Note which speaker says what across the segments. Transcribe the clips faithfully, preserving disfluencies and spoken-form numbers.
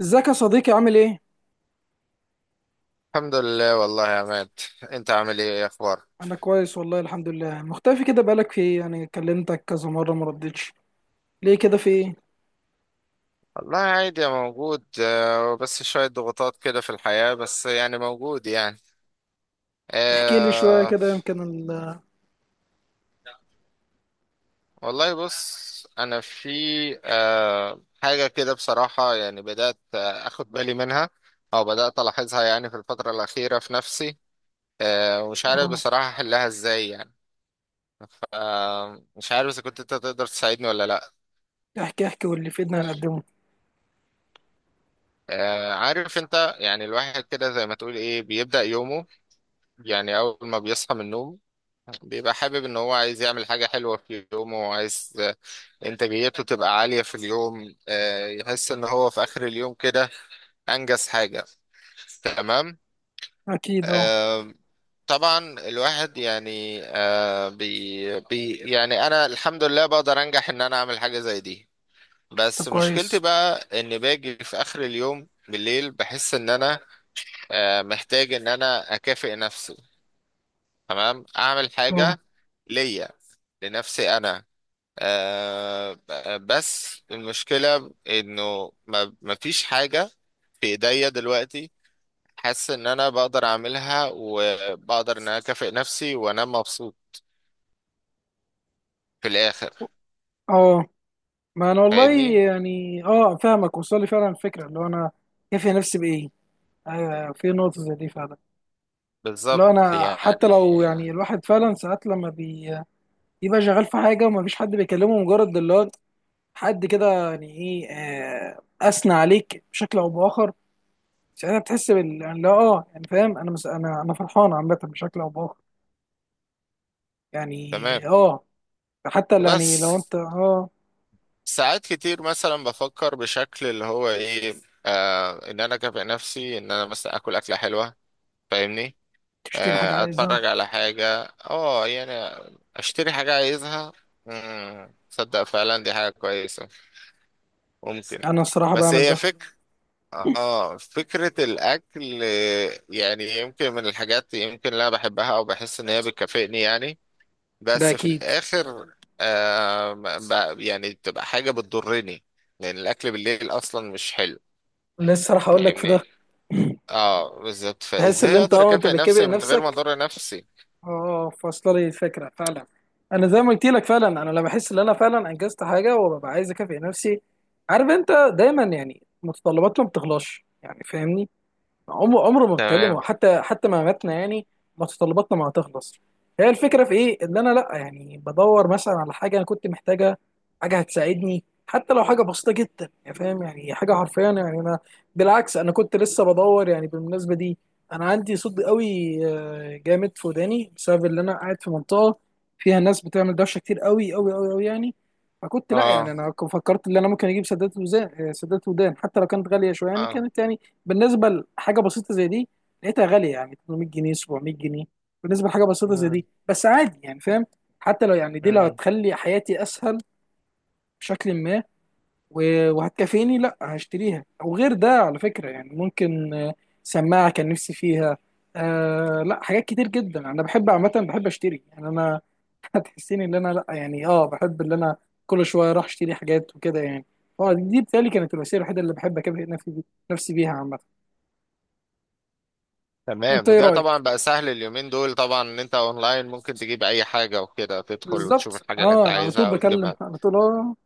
Speaker 1: ازيك يا صديقي، عامل ايه؟
Speaker 2: الحمد لله والله يا عماد. انت عامل ايه؟ ايه اخبارك؟
Speaker 1: انا كويس والله، الحمد لله. مختفي كده، بقالك في ايه؟ يعني كلمتك كذا مرة ما ردتش، ليه كده؟ في ايه؟
Speaker 2: والله عادي يا موجود، آه، بس شوية ضغوطات كده في الحياة، بس يعني موجود يعني.
Speaker 1: احكي لي شوية
Speaker 2: آه
Speaker 1: كده، يمكن ال
Speaker 2: والله بص، انا في آه حاجة كده، بصراحة يعني بدأت آه، اخد بالي منها، او بدأت الاحظها يعني في الفترة الأخيرة في نفسي. آه ومش عارف
Speaker 1: اه
Speaker 2: بصراحة احلها ازاي يعني. آه مش عارف اذا كنت انت تقدر تساعدني ولا لا.
Speaker 1: احكي احكي، واللي في ايدنا هنقدمه.
Speaker 2: آه عارف انت، يعني الواحد كده زي ما تقول ايه بيبدأ يومه، يعني أول ما بيصحى من النوم بيبقى حابب إن هو عايز يعمل حاجة حلوة في يومه، وعايز آه، إنتاجيته تبقى عالية في اليوم، آه، يحس إن هو في آخر اليوم كده أنجز حاجة. تمام.
Speaker 1: اكيد، اه.
Speaker 2: آه، طبعا الواحد يعني آه، بي بي يعني أنا الحمد لله بقدر أنجح إن أنا أعمل حاجة زي دي.
Speaker 1: طب
Speaker 2: بس مشكلتي
Speaker 1: كويس.
Speaker 2: بقى إن باجي في آخر اليوم بالليل بحس إن أنا آه، محتاج إن أنا أكافئ نفسي. تمام، اعمل
Speaker 1: اه،
Speaker 2: حاجة ليا، لنفسي انا. آه ب- بس المشكلة انه ما ما فيش حاجة في ايديا دلوقتي، حاسس ان انا بقدر اعملها وبقدر ان انا اكافئ نفسي وانا مبسوط في الاخر،
Speaker 1: اه. ما انا والله،
Speaker 2: فاهمني؟
Speaker 1: يعني اه، فاهمك. وصل لي فعلا الفكرة، اللي هو انا كافي نفسي بايه؟ ايوه، في نقطة زي دي فعلا. اللي هو
Speaker 2: بالظبط
Speaker 1: انا حتى
Speaker 2: يعني.
Speaker 1: لو يعني الواحد فعلا، ساعات لما بي- بيبقى شغال في حاجة ومفيش حد بيكلمه، مجرد اللي هو حد كده، يعني ايه، آه، اثنى عليك بشكل او باخر. ساعتها بتحس بال، يعني لا، اه يعني فاهم، انا مس... انا انا فرحان عامه بشكل او باخر،
Speaker 2: تمام.
Speaker 1: يعني اه. حتى ال- يعني
Speaker 2: بس
Speaker 1: لو انت اه
Speaker 2: ساعات كتير مثلا بفكر بشكل اللي هو ايه، آه ان انا اكافئ نفسي، ان انا مثلا اكل اكلة حلوة، فاهمني؟
Speaker 1: تشتري حاجه
Speaker 2: آه،
Speaker 1: عايزها.
Speaker 2: اتفرج على حاجة. اه، يعني اشتري حاجة عايزها. مم، تصدق فعلا دي حاجة كويسة، ممكن،
Speaker 1: انا الصراحه
Speaker 2: بس
Speaker 1: بعمل
Speaker 2: هي
Speaker 1: ده.
Speaker 2: فكرة. اه، فكرة الاكل، آه، يعني يمكن من الحاجات، يمكن اللي انا بحبها او بحس ان هي بتكافئني يعني.
Speaker 1: ده
Speaker 2: بس في
Speaker 1: اكيد.
Speaker 2: الاخر، آه ما- ب- يعني بتبقى حاجة بتضرني، لان الاكل بالليل اصلا مش حلو
Speaker 1: لسه راح اقول لك في
Speaker 2: يعني.
Speaker 1: ده.
Speaker 2: اه، بالظبط.
Speaker 1: تحس ان
Speaker 2: فازاي
Speaker 1: انت،
Speaker 2: اقدر
Speaker 1: اه انت
Speaker 2: اكافئ
Speaker 1: بتكافئ
Speaker 2: نفسي من غير ما
Speaker 1: نفسك.
Speaker 2: اضر نفسي؟
Speaker 1: اه آه، فاصله لي الفكره فعلا. انا زي ما قلت لك، فعلا انا لما بحس ان انا فعلا انجزت حاجه، وببقى عايز اكافئ نفسي. عارف انت، دايما يعني متطلباتنا ما بتخلصش، يعني فاهمني، عمره عمره ما بتكلمه،
Speaker 2: تمام.
Speaker 1: حتى حتى ما ماتنا يعني، متطلباتنا ما هتخلص. هي الفكره في ايه، ان انا لا يعني بدور مثلا على حاجه انا كنت محتاجه، حاجه هتساعدني، حتى لو حاجه بسيطه جدا، يعني فاهم، يعني حاجه حرفيا يعني، انا بالعكس انا كنت لسه بدور. يعني بالمناسبه دي، انا عندي صدى قوي آه، جامد في وداني، بسبب ان انا قاعد في منطقه فيها ناس بتعمل دوشه كتير، قوي قوي قوي قوي يعني. فكنت لا، يعني
Speaker 2: اه.
Speaker 1: انا فكرت ان انا ممكن اجيب سدادات وزان آه، سدادات ودان، حتى لو كانت غاليه شويه، يعني
Speaker 2: اه.
Speaker 1: كانت، يعني بالنسبه لحاجه بسيطه زي دي، لقيتها غاليه، يعني ثمانمائة جنيه، سبعمية جنيه، بالنسبه لحاجه بسيطه زي
Speaker 2: مم.
Speaker 1: دي. بس عادي يعني فاهم؟ حتى لو يعني دي لو
Speaker 2: مم.
Speaker 1: هتخلي حياتي اسهل بشكل ما، و- وهتكفيني، لا هشتريها. او غير ده على فكره، يعني ممكن آه، سماعه كان نفسي فيها. آه لا، حاجات كتير جدا انا بحب، عامه بحب اشتري، يعني انا هتحسيني ان انا لا، يعني اه، بحب ان انا كل شويه اروح اشتري حاجات وكده يعني. اه دي بتهيألي كانت الوسيله الوحيده اللي بحب اكافئ نفسي، نفسي بيها عامه.
Speaker 2: تمام،
Speaker 1: انت ايه
Speaker 2: وده طبعا
Speaker 1: رايك؟
Speaker 2: بقى سهل اليومين دول، طبعا ان انت اونلاين ممكن تجيب اي حاجة، وكده تدخل وتشوف
Speaker 1: بالظبط
Speaker 2: الحاجة اللي انت
Speaker 1: اه، انا على طول
Speaker 2: عايزها
Speaker 1: بكلم
Speaker 2: وتجيبها.
Speaker 1: على طول، اه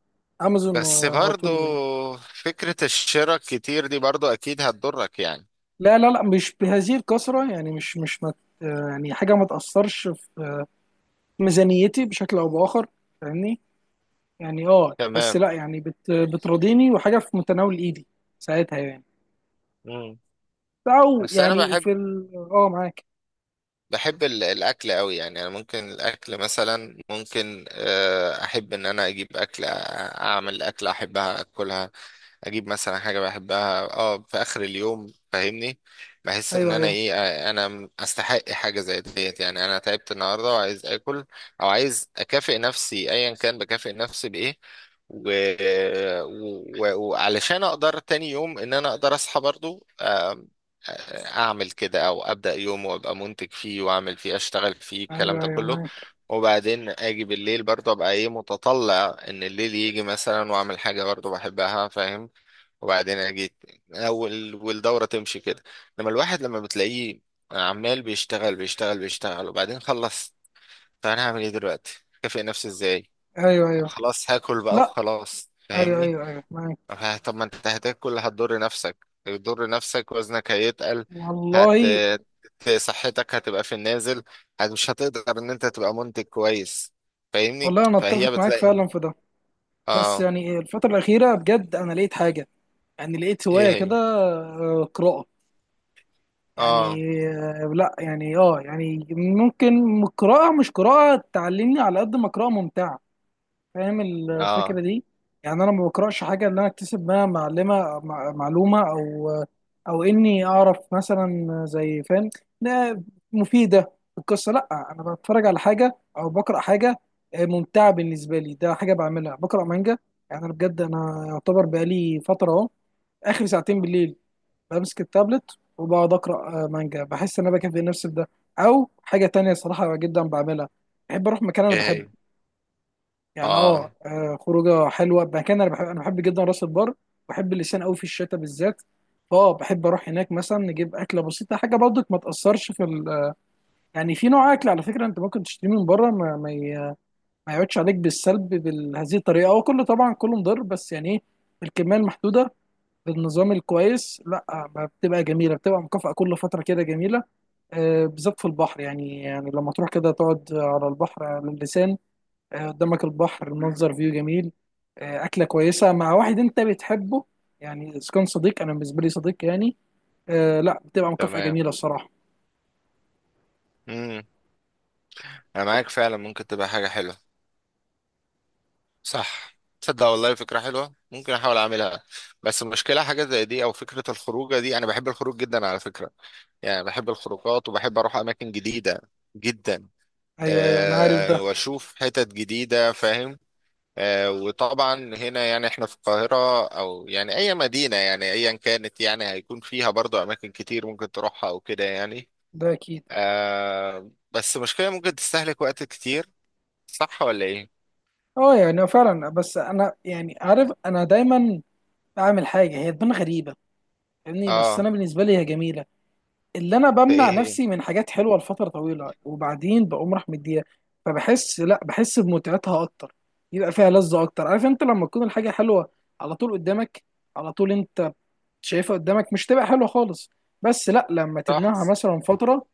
Speaker 1: امازون
Speaker 2: بس
Speaker 1: آه، على
Speaker 2: برضو،
Speaker 1: طول يعني.
Speaker 2: فكرة الشراء كتير دي برضو اكيد هتضرك يعني.
Speaker 1: لا لا لا، مش بهذه الكثره، يعني مش مش مت آه، يعني حاجه ما تاثرش في ميزانيتي بشكل او باخر، فاهمني. يعني اه، بس
Speaker 2: تمام.
Speaker 1: لا يعني بت بتراضيني، وحاجه في متناول ايدي ساعتها يعني،
Speaker 2: مم.
Speaker 1: او
Speaker 2: بس انا
Speaker 1: يعني
Speaker 2: بحب،
Speaker 1: في ال اه معاك.
Speaker 2: بحب ال- الاكل قوي يعني، انا ممكن الاكل مثلا، ممكن آه، احب ان انا اجيب اكل أ- اعمل اكل احبها اكلها. اجيب مثلا حاجه بحبها اه في اخر اليوم، فاهمني؟ بحس ان
Speaker 1: ايوه
Speaker 2: انا
Speaker 1: ايوه
Speaker 2: ايه، آه، انا استحق حاجه زي ديت، يعني انا تعبت النهارده وعايز اكل، او عايز اكافئ نفسي ايا كان بكافئ نفسي بايه. و... و... وعلشان اقدر تاني يوم ان انا اقدر اصحى برضو، آم، اعمل كده، او ابدا يوم وابقى منتج فيه واعمل فيه اشتغل فيه الكلام
Speaker 1: ايوه
Speaker 2: ده
Speaker 1: ايوه
Speaker 2: كله،
Speaker 1: معاك.
Speaker 2: وبعدين اجي بالليل برضو ابقى ايه متطلع ان الليل يجي مثلا، واعمل حاجه برضو بحبها، فاهم؟ وبعدين أنا جيت أول، والدورة تمشي كده. لما الواحد لما بتلاقيه عمال بيشتغل بيشتغل بيشتغل، وبعدين خلص. طب أنا هعمل إيه دلوقتي؟ أكافئ نفسي إزاي؟
Speaker 1: ايوه
Speaker 2: طب
Speaker 1: ايوه.
Speaker 2: خلاص، هاكل بقى
Speaker 1: لا،
Speaker 2: وخلاص،
Speaker 1: ايوه
Speaker 2: فاهمني؟
Speaker 1: ايوه ايوه معاك
Speaker 2: طب طب، ما أنت هتاكل، هتضر نفسك، هتضر نفسك، وزنك هيتقل، هت
Speaker 1: والله.
Speaker 2: صحتك هتبقى في النازل، هت- مش هتقدر إن أنت تبقى منتج كويس، فاهمني؟
Speaker 1: والله انا اتفق
Speaker 2: فهي
Speaker 1: معاك
Speaker 2: بتلاقي.
Speaker 1: فعلا في ده. بس
Speaker 2: آه.
Speaker 1: يعني الفتره الاخيره، بجد انا لقيت حاجه، يعني لقيت هواية
Speaker 2: إيه هي؟
Speaker 1: كده، آه، قراءة.
Speaker 2: آه.
Speaker 1: يعني آه، لا يعني اه يعني، ممكن قراءة، مش قراءة تعلمني على قد ما قراءة ممتعة. فاهم
Speaker 2: آه.
Speaker 1: الفكرة دي؟ يعني انا ما بقراش حاجة اللي انا اكتسب منها معلمة مع- معلومة، او او اني اعرف مثلا، زي فاهم. لا مفيدة، القصة لا. انا بتفرج على حاجة او بقرأ حاجة آه، ممتعة بالنسبة لي. ده حاجة بعملها، بقرأ مانجا. يعني انا بجد انا يعتبر بقالي فترة، اهو اخر ساعتين بالليل بمسك التابلت، وبقعد اقرا آه، مانجا. بحس ان انا بكفي نفسي بده. او حاجه تانية صراحه جدا بعملها، بحب اروح مكان انا
Speaker 2: إيه
Speaker 1: بحبه.
Speaker 2: هي؟
Speaker 1: يعني اه
Speaker 2: آه.
Speaker 1: آه، خروجه حلوه. مكان انا بحب انا بحب جدا راس البر. بحب اللسان قوي في الشتاء بالذات. فاه بحب اروح هناك، مثلا نجيب اكله بسيطه، حاجه برضك ما تاثرش في ال... يعني في نوع اكل على فكره، انت ممكن تشتريه من بره، ما, ما, ي... ما يقعدش عليك بالسلب بهذه الطريقه. هو كله طبعا كله مضر، بس يعني ايه؟ الكميه المحدوده، بالنظام الكويس، لا ما بتبقى جميله، بتبقى مكافاه كل فتره كده جميله، آه، بالذات في البحر. يعني يعني لما تروح كده تقعد على البحر، على اللسان، آه، قدامك البحر، منظر فيو جميل، آه، اكله كويسه مع واحد انت بتحبه. يعني اذا كان صديق، انا بالنسبه لي صديق، يعني آه، لا بتبقى مكافاه
Speaker 2: تمام.
Speaker 1: جميله الصراحه.
Speaker 2: امم. انا معاك فعلا، ممكن تبقى حاجه حلوه. صح، تصدق والله فكره حلوه، ممكن احاول اعملها. بس المشكله، حاجه زي دي او فكره الخروجه دي، انا بحب الخروج جدا على فكره، يعني بحب الخروجات وبحب اروح اماكن جديده جدا،
Speaker 1: ايوه ايوه، انا عارف
Speaker 2: أه
Speaker 1: ده.
Speaker 2: واشوف حتت جديده فاهم. أه وطبعا هنا يعني احنا في القاهره، او يعني اي مدينه يعني ايا كانت، يعني هيكون فيها برضو اماكن كتير ممكن تروحها او كده يعني.
Speaker 1: ده اكيد.
Speaker 2: أه بس المشكله ممكن تستهلك وقت كتير، صح ولا ايه؟
Speaker 1: اه يعني فعلا، بس انا يعني عارف، انا دايما بعمل حاجه هي تبان غريبه، فاهمني؟ بس
Speaker 2: اه.
Speaker 1: انا بالنسبه لي هي جميله. اللي انا
Speaker 2: في
Speaker 1: بمنع
Speaker 2: ايه هي؟
Speaker 1: نفسي من حاجات حلوه لفتره طويله، وبعدين بقوم راح مديها، فبحس لا، بحس بمتعتها اكتر، يبقى فيها لذه اكتر. عارف انت، لما تكون الحاجه حلوه على طول قدامك، على طول انت شايفها قدامك، مش تبقى حلوه خالص. بس لا، لما
Speaker 2: صح.
Speaker 1: تبنعها مثلا فتره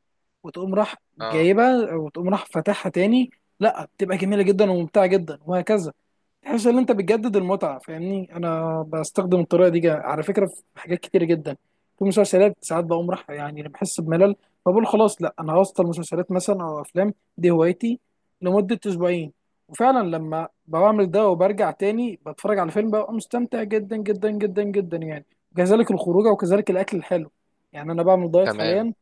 Speaker 1: وتقوم راح
Speaker 2: اه.
Speaker 1: جايبها، وتقوم راح فاتحها تاني، لا بتبقى جميله جدا وممتعه جدا وهكذا، تحس ان انت بتجدد المتعه. فاهمني؟ انا بستخدم الطريقه دي جا- على فكره في حاجات كتير جدا. في مسلسلات ساعات بقوم راح، يعني بحس بملل، فبقول خلاص لا، انا هوصل مسلسلات مثلا او افلام، دي هوايتي، لمده اسبوعين. وفعلا لما بعمل ده وبرجع تاني، بتفرج على فيلم ببقى مستمتع جدا جدا جدا جدا يعني. وكذلك الخروجه، وكذلك الاكل الحلو. يعني انا بعمل دايت
Speaker 2: تمام.
Speaker 1: حاليا،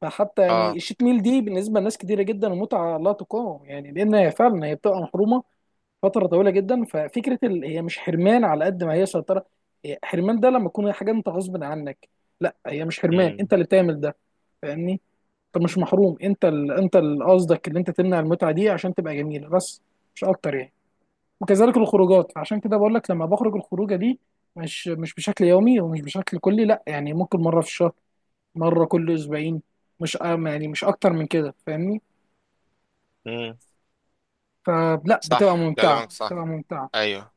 Speaker 1: فحتى يعني
Speaker 2: اه.
Speaker 1: الشيت ميل دي بالنسبه لناس كتيره جدا، متعه لا تقاوم، يعني لان هي فعلا هي بتبقى محرومه فتره طويله جدا. ففكره ال... هي مش حرمان، على قد ما هي سيطره. هي حرمان ده لما تكون حاجه انت غصب عنك، لا هي مش حرمان، انت
Speaker 2: امم.
Speaker 1: اللي بتعمل ده، فاهمني؟ انت مش محروم، انت ال... انت اللي قصدك، اللي انت تمنع المتعه دي عشان تبقى جميله بس، مش اكتر يعني. وكذلك الخروجات، عشان كده بقول لك، لما بخرج الخروجه دي، مش مش بشكل يومي، ومش بشكل كلي، لا يعني ممكن مره في الشهر، مرة كل أسبوعين، مش يعني مش أكتر من كده، فاهمني؟
Speaker 2: امم.
Speaker 1: فلا، بتبقى
Speaker 2: صح،
Speaker 1: ممتعة،
Speaker 2: كلامك صح.
Speaker 1: بتبقى ممتعة.
Speaker 2: ايوه،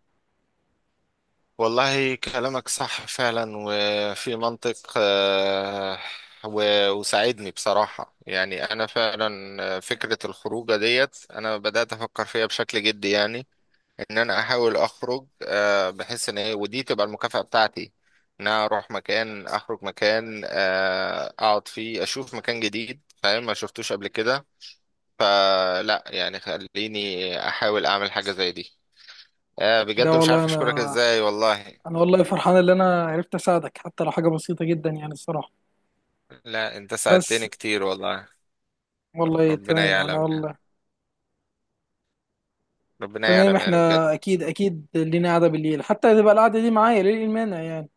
Speaker 2: والله كلامك صح فعلا وفي منطق. آه و- وساعدني بصراحة، يعني انا فعلا آه، فكرة الخروجة ديت انا بدأت افكر فيها بشكل جدي يعني، ان انا احاول اخرج آه بحيث ان إيه- ودي تبقى المكافأة بتاعتي، ان انا اروح مكان، اخرج مكان آه اقعد فيه، اشوف مكان جديد فاهم ما شفتوش قبل كده. فلا يعني، خليني احاول اعمل حاجة زي دي. آه،
Speaker 1: ده
Speaker 2: بجد مش
Speaker 1: والله
Speaker 2: عارف
Speaker 1: أنا،
Speaker 2: اشكرك ازاي والله.
Speaker 1: أنا والله فرحان إن أنا عرفت أساعدك، حتى لو حاجة بسيطة جدا، يعني الصراحة.
Speaker 2: لا، انت
Speaker 1: بس
Speaker 2: ساعدتني كتير والله.
Speaker 1: والله
Speaker 2: ربنا
Speaker 1: تمام، أنا
Speaker 2: يعلم يعني،
Speaker 1: والله
Speaker 2: ربنا
Speaker 1: تمام.
Speaker 2: يعلم يعني،
Speaker 1: إحنا
Speaker 2: بجد.
Speaker 1: أكيد أكيد لينا قعدة بالليل، حتى تبقى القعدة دي معايا، ليه المانع يعني؟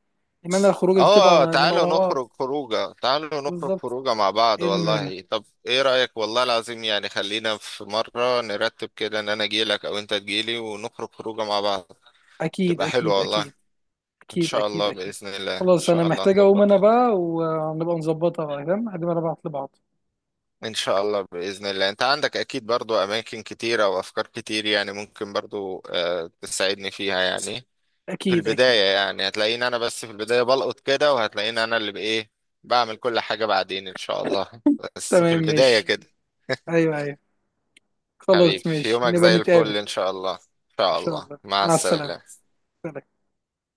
Speaker 1: المانع الخروج دي، تبقى
Speaker 2: اه. آه،
Speaker 1: نبقى
Speaker 2: تعالوا
Speaker 1: مع بعض.
Speaker 2: نخرج خروجه، تعالوا نخرج
Speaker 1: بالظبط،
Speaker 2: خروجه مع بعض
Speaker 1: إيه المانع؟
Speaker 2: والله. طب ايه رأيك؟ والله العظيم يعني خلينا في مرة نرتب كده، ان انا اجيلك او انت تجيلي، ونخرج خروجه مع بعض.
Speaker 1: أكيد
Speaker 2: تبقى حلوة
Speaker 1: أكيد
Speaker 2: والله.
Speaker 1: أكيد،
Speaker 2: ان
Speaker 1: أكيد
Speaker 2: شاء
Speaker 1: أكيد
Speaker 2: الله،
Speaker 1: أكيد.
Speaker 2: بإذن الله، ان
Speaker 1: خلاص، أنا
Speaker 2: شاء الله
Speaker 1: محتاج أقوم أنا
Speaker 2: نظبطها.
Speaker 1: بقى، ونبقى نظبطها بقى، فاهم؟ هنبقى نبعت لبعض.
Speaker 2: ان شاء الله، باذن الله. انت عندك اكيد برضو اماكن كتيره وافكار كتير، يعني ممكن برضو آه، تساعدني فيها يعني. في
Speaker 1: اكيد اكيد.
Speaker 2: البدايه يعني هتلاقيني انا بس في البدايه بلقط كده، وهتلاقيني انا اللي بايه بعمل كل حاجه بعدين ان شاء الله. بس في
Speaker 1: تمام
Speaker 2: البدايه
Speaker 1: ماشي.
Speaker 2: كده.
Speaker 1: ايوه ايوه. خلاص
Speaker 2: حبيبي، في
Speaker 1: ماشي،
Speaker 2: يومك
Speaker 1: نبقى
Speaker 2: زي الفل
Speaker 1: نتقابل.
Speaker 2: ان شاء الله، ان
Speaker 1: ان
Speaker 2: شاء
Speaker 1: شاء
Speaker 2: الله
Speaker 1: الله
Speaker 2: مع
Speaker 1: مع السلامة.
Speaker 2: السلامه.